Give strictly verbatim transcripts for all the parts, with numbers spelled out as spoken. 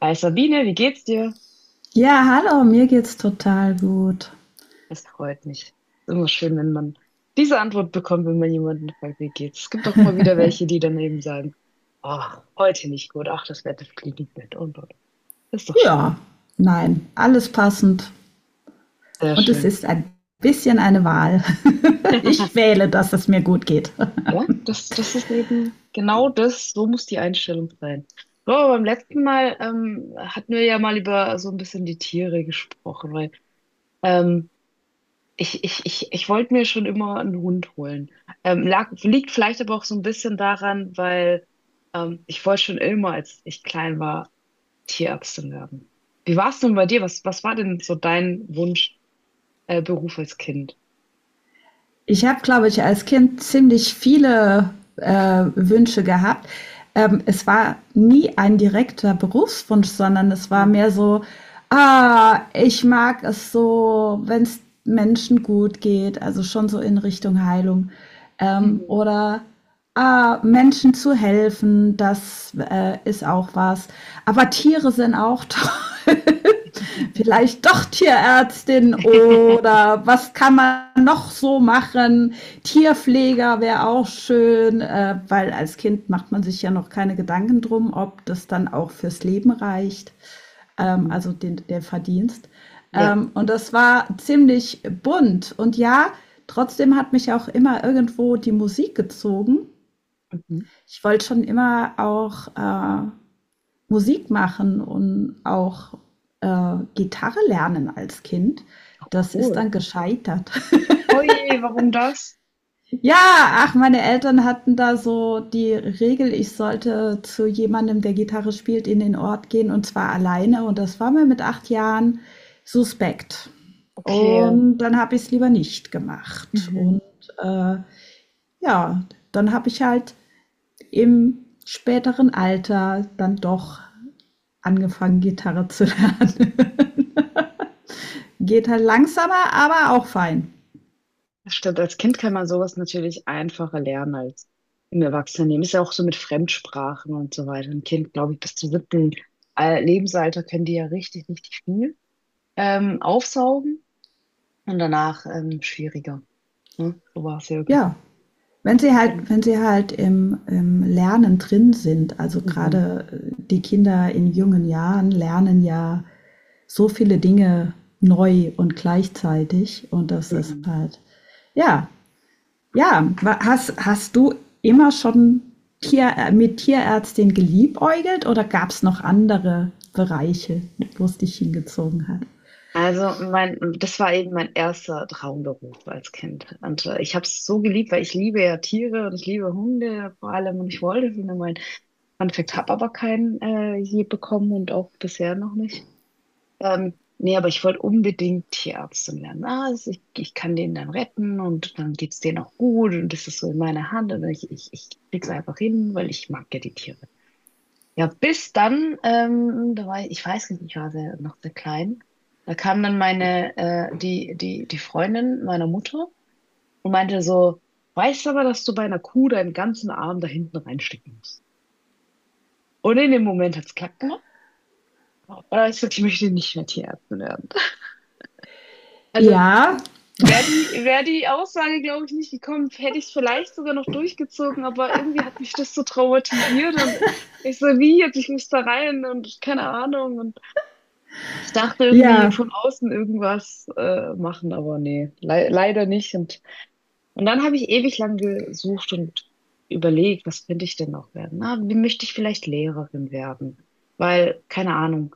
Hi Sabine, wie geht's dir? Ja, hallo, mir geht's total gut. Das freut mich. Ist immer schön, wenn man diese Antwort bekommt, wenn man jemanden fragt, wie geht's. Es gibt auch immer wieder welche, die dann eben sagen, ach, heute nicht gut, ach, das Wetter fliegt nicht mit und und. Das ist doch schön. Ja, nein, alles passend. Sehr Und es schön. ist ein bisschen eine Wahl. Ich wähle, dass es mir gut geht. Ja, das, das ist eben genau das, so muss die Einstellung sein. So, aber beim letzten Mal ähm, hatten wir ja mal über so ein bisschen die Tiere gesprochen, weil ähm, Ich, ich, ich, ich wollte mir schon immer einen Hund holen. Ähm, lag, liegt vielleicht aber auch so ein bisschen daran, weil ähm, ich wollte schon immer, als ich klein war, Tierärztin werden. Wie war es denn bei dir? Was, was war denn so dein Wunsch, äh, Beruf als Kind? Ich habe, glaube ich, als Kind ziemlich viele äh, Wünsche gehabt. Ähm, es war nie ein direkter Berufswunsch, sondern es war Mhm. mehr so, ah, ich mag es so, wenn es Menschen gut geht, also schon so in Richtung Heilung. Ähm, Mhm. Oder ah, Menschen zu helfen, das äh, ist auch was. Aber Tiere sind auch toll. Vielleicht doch Tierärztin oder was kann man noch so machen? Tierpfleger wäre auch schön, äh, weil als Kind macht man sich ja noch keine Gedanken drum, ob das dann auch fürs Leben reicht, ähm, Mhm. also den, der Verdienst. Ja. Ähm, und das war ziemlich bunt. Und ja, trotzdem hat mich auch immer irgendwo die Musik gezogen. Mhm. Ich wollte schon immer auch äh, Musik machen und auch äh, Gitarre lernen als Kind. Oh, Das ist cool. dann gescheitert. Oje, warum das? Ja, ach, meine Eltern hatten da so die Regel, ich sollte zu jemandem, der Gitarre spielt, in den Ort gehen und zwar alleine. Und das war mir mit acht Jahren suspekt. Okay. Und dann habe ich es lieber nicht gemacht. Mhm. Und äh, ja, dann habe ich halt im späteren Alter dann doch angefangen, Gitarre zu lernen. Geht halt langsamer, aber auch fein. Das Stimmt, als Kind kann man sowas natürlich einfacher lernen als im Erwachsenenleben. Ist ja auch so mit Fremdsprachen und so weiter. Ein Kind, glaube ich, bis zum siebten Al- Lebensalter können die ja richtig, richtig viel ähm, aufsaugen und danach ähm, schwieriger. Ne? So war es ja irgendwie. Ja. Wenn sie halt, wenn sie halt im, im Lernen drin sind, also Mhm. gerade äh, die Kinder in jungen Jahren lernen ja so viele Dinge neu und gleichzeitig. Und das ist Mhm. halt, ja, ja. Hast, hast du immer schon Tier, äh, mit Tierärztin geliebäugelt oder gab es noch andere Bereiche, wo es dich hingezogen hat? Also mein, das war eben mein erster Traumberuf als Kind. Und äh, ich habe es so geliebt, weil ich liebe ja Tiere und ich liebe Hunde vor allem und ich wollte für meine Fun Fact, habe aber keinen äh, je bekommen und auch bisher noch nicht. Ähm, nee, aber ich wollte unbedingt Tierärztin werden. Ah, es- ich, ich kann den dann retten und dann geht's denen auch gut und das ist so in meiner Hand und ich, ich, ich krieg's einfach hin, weil ich mag ja die Tiere. Ja, bis dann, ähm, da war ich, ich weiß nicht, ich war sehr, noch sehr klein. Da kam dann meine, äh, die, die, die Freundin meiner Mutter und meinte so, weißt aber, dass du bei einer Kuh deinen ganzen Arm da hinten reinstecken musst. Und in dem Moment hat's klack. Aber ich, ich möchte nicht mehr Tierärztin werden. Also Ja, wäre die, wär die Aussage, glaube ich, nicht gekommen, hätte ich es vielleicht sogar noch durchgezogen, aber irgendwie hat mich das so traumatisiert und ich so, wie jetzt, ich muss da rein und keine Ahnung. Und ich dachte irgendwie ja, von außen irgendwas äh, machen, aber nee, le leider nicht. Und, und dann habe ich ewig lang gesucht und überlegt, was könnte ich denn noch werden? Na, wie möchte ich vielleicht Lehrerin werden? Weil, keine Ahnung.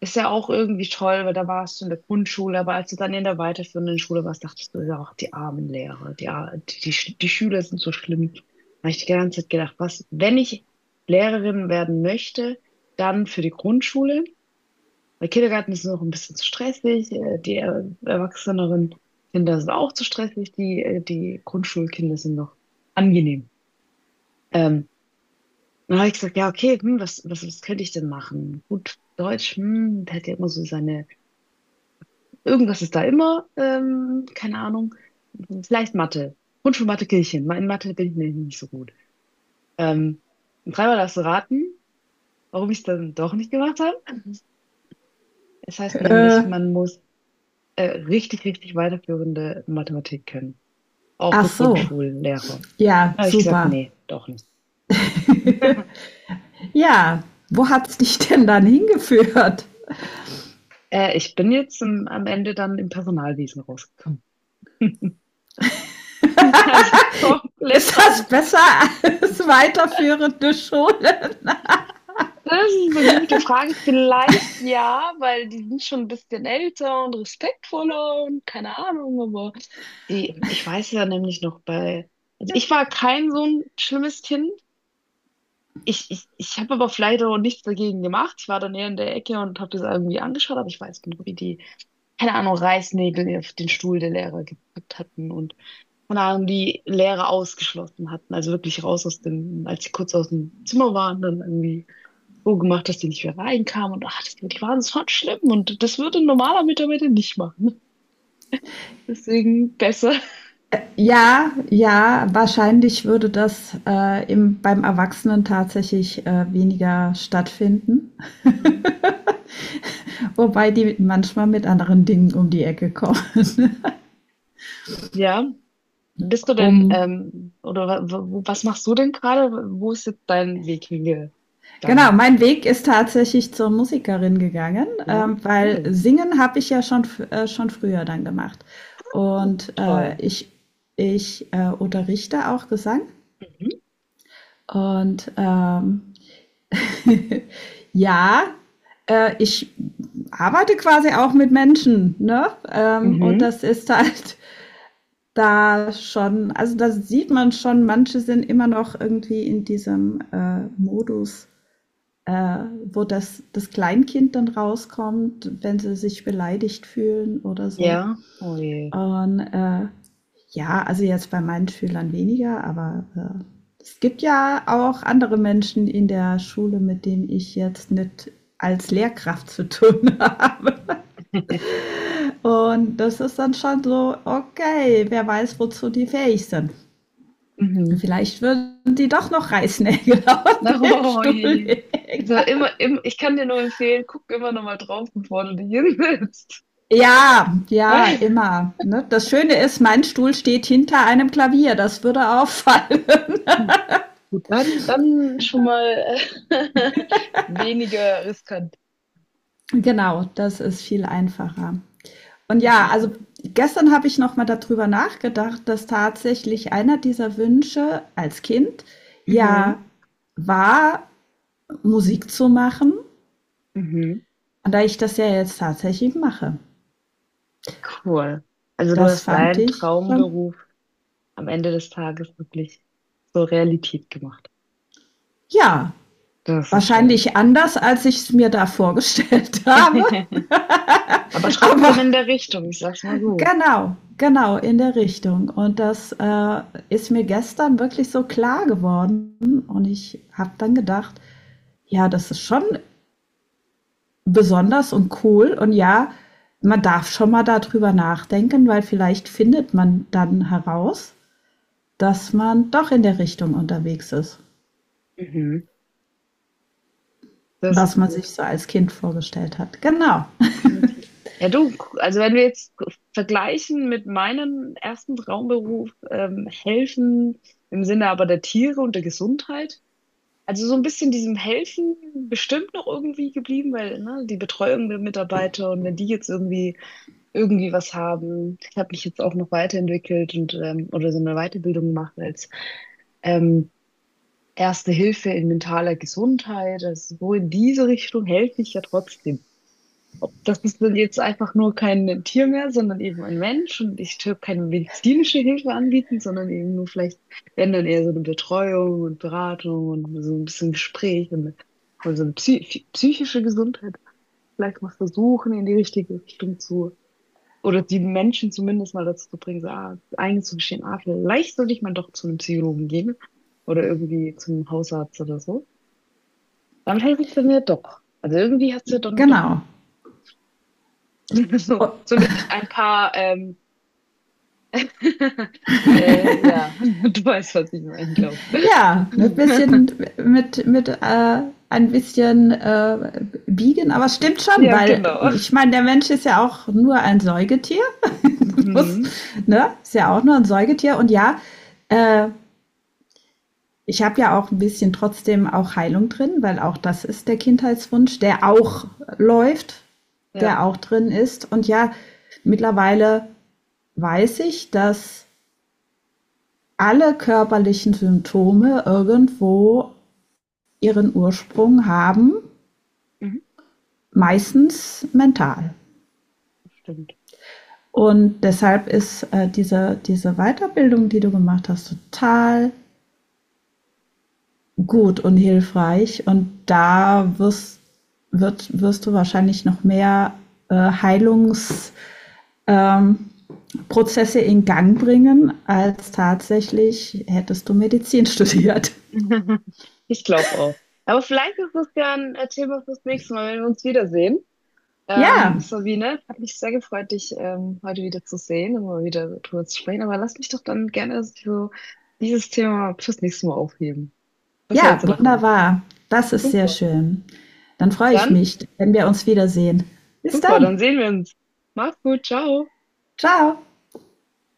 Ist ja auch irgendwie toll, weil da warst du in der Grundschule, aber als du dann in der weiterführenden Schule warst, dachtest du ja auch, die armen Lehrer, die, ar- die, Sch- die Schüler sind so schlimm. Da habe ich die ganze Zeit gedacht, was, wenn ich Lehrerin werden möchte, dann für die Grundschule. Weil Kindergarten ist noch ein bisschen zu stressig, äh, die äh, erwachseneren Kinder sind auch zu stressig, die, äh, die Grundschulkinder sind noch angenehm. Ähm, Dann habe ich gesagt, ja, okay, hm, was, was, was könnte ich denn machen? Gut, Deutsch, hm, der hat ja immer so seine. Irgendwas ist da immer, ähm, keine Ahnung, vielleicht Mathe. Grundschulmathe Kirchen. In Mathe bin ich nämlich nicht so gut. Ähm, Dreimal darfst du raten, warum ich es dann doch nicht gemacht habe. Es heißt äh, nämlich, man muss äh, richtig, richtig weiterführende Mathematik können. Auch für ach so. Grundschullehrer. Ja, Da habe ich gesagt, super. nee, doch nicht. Ja, wo hat's dich denn dann hingeführt? Äh, ich bin jetzt am am Ende dann im Personalwesen rausgekommen. Also komplett Ist das anders. besser als weiterführende Schule? Das ist eine gute Frage. Vielleicht ja, weil die sind schon ein bisschen älter und respektvoller und keine Ahnung, aber die, ich weiß ja nämlich noch bei, also ich war kein so ein schlimmes Kind. Ich, ich, ich habe aber vielleicht auch nichts dagegen gemacht. Ich war dann eher in der Ecke und habe das irgendwie angeschaut, aber ich weiß genau, wie die, keine Ahnung, Reißnägel auf den Stuhl der Lehrer gepackt hatten und keine Ahnung, die Lehrer ausgeschlossen hatten. Also wirklich raus aus dem, als sie kurz aus dem Zimmer waren, dann irgendwie so gemacht, dass die nicht mehr reinkamen und ach, das, die waren so schlimm und das würde ein normaler Mitarbeiter nicht machen. Deswegen besser. Ja, ja, wahrscheinlich würde das äh, im, beim Erwachsenen tatsächlich äh, weniger stattfinden. Mhm. Wobei die manchmal mit anderen Dingen um die Ecke kommen. Ja, bist du denn, Um ähm, oder wa- wa- wo- was machst du denn gerade? Wo ist jetzt dein Weg hingegangen? Genau, mein Weg ist tatsächlich zur Musikerin gegangen, Ja, ähm, weil cool. Singen habe ich ja schon, f- äh, schon früher dann gemacht. Und Toll. äh, ich, ich äh, unterrichte auch Gesang. Mhm. Und ähm, ja, äh, ich arbeite quasi auch mit Menschen, ne? Ähm, und Mhm. das ist halt da schon, also da sieht man schon, manche sind immer noch irgendwie in diesem äh, Modus äh, wo das, das Kleinkind dann rauskommt, wenn sie sich beleidigt fühlen oder so. Ja, oh je. Und äh, ja, also jetzt bei meinen Schülern weniger, aber äh, es gibt ja auch andere Menschen in der Schule, mit denen ich jetzt nicht als Lehrkraft zu tun habe. Und das ist dann schon so, okay, wer weiß, wozu die fähig sind. Mhm. Vielleicht würden die doch noch Reißnägel auf Na, den oh Stuhl je. legen. Also immer, im, ich kann dir nur empfehlen, guck immer noch mal drauf, bevor du dich hinsetzt. Ja, ja, immer. Ne? Das Schöne ist, mein Stuhl steht hinter einem Klavier. Das würde auffallen. Gut, dann, dann schon mal äh, weniger riskant. Genau, das ist viel einfacher. Und ja, also gestern habe ich noch mal darüber nachgedacht, dass tatsächlich einer dieser Wünsche als Kind ja Mhm. war, Musik zu machen. Mhm. Und da ich das ja jetzt tatsächlich mache, Cool. Also du das hast fand deinen ich schon, Traumberuf am Ende des Tages wirklich zur Realität gemacht. ja, Das ist schön. wahrscheinlich anders, als ich es mir da vorgestellt habe. Aber trotzdem Aber in der Richtung, ich sag's mal so. Genau, genau, in der Richtung. Und das äh, ist mir gestern wirklich so klar geworden. Und ich habe dann gedacht, ja, das ist schon besonders und cool. Und ja, man darf schon mal darüber nachdenken, weil vielleicht findet man dann heraus, dass man doch in der Richtung unterwegs ist, Mhm. Das was ist man gut, sich so als Kind vorgestellt hat. Genau, definitiv. Ja, du, also wenn wir jetzt vergleichen mit meinem ersten Traumberuf, ähm, helfen im Sinne aber der Tiere und der Gesundheit. Also so ein bisschen diesem Helfen bestimmt noch irgendwie geblieben, weil ne, die Betreuung der Mitarbeiter und wenn die jetzt irgendwie irgendwie was haben, ich habe mich jetzt auch noch weiterentwickelt und ähm, oder so eine Weiterbildung gemacht als ähm, Erste Hilfe in mentaler Gesundheit. Also so in diese Richtung helfe ich ja trotzdem. Das ist dann jetzt einfach nur kein Tier mehr, sondern eben ein Mensch. Und ich tue keine medizinische Hilfe anbieten, sondern eben nur vielleicht, wenn dann eher so eine Betreuung und Beratung und so ein bisschen Gespräch und, und so eine psy psychische Gesundheit. Vielleicht mal versuchen, in die richtige Richtung zu, oder die Menschen zumindest mal dazu zu bringen, so, ah, einzugestehen, ah, vielleicht sollte ich mal doch zu einem Psychologen gehen oder irgendwie zum Hausarzt oder so. Damit helfe ich dann ja doch. Also irgendwie hat es ja dann doch. genau. So, Und so mit ein paar, ähm, äh, ja, du weißt, was ich meine, glaube ich. Ja, ein bisschen mit, mit äh, ein bisschen äh, biegen, aber stimmt schon, Ja, weil genau. ich meine, der Mensch ist ja auch nur ein Säugetier. Mhm. Ne? Ist ja auch nur ein Säugetier. Und ja, äh, ich habe ja auch ein bisschen trotzdem auch Heilung drin, weil auch das ist der Kindheitswunsch, der auch läuft, Ja, der auch drin ist. Und ja, mittlerweile weiß ich, dass alle körperlichen Symptome irgendwo ihren Ursprung haben, mhm. meistens mental. Stimmt. Und deshalb ist äh, diese, diese Weiterbildung, die du gemacht hast, total gut und hilfreich. Und da wirst, wird, wirst du wahrscheinlich noch mehr äh, Heilungsprozesse ähm, in Gang bringen, als tatsächlich hättest du Medizin studiert. Ich glaube auch. Aber vielleicht ist das ja ein äh, Thema fürs nächste Mal, wenn wir uns wiedersehen. Ähm, Ja, Sabine, hat mich sehr gefreut, dich ähm, heute wieder zu sehen und mal wieder drüber zu sprechen. Aber lass mich doch dann gerne so dieses Thema fürs nächste Mal aufheben. Was ja, hältst du davon? wunderbar. Das ist sehr Super. schön. Dann freue ich Dann. mich, wenn wir uns wiedersehen. Bis Super, dann. dann sehen wir uns. Mach's gut, ciao. Ciao.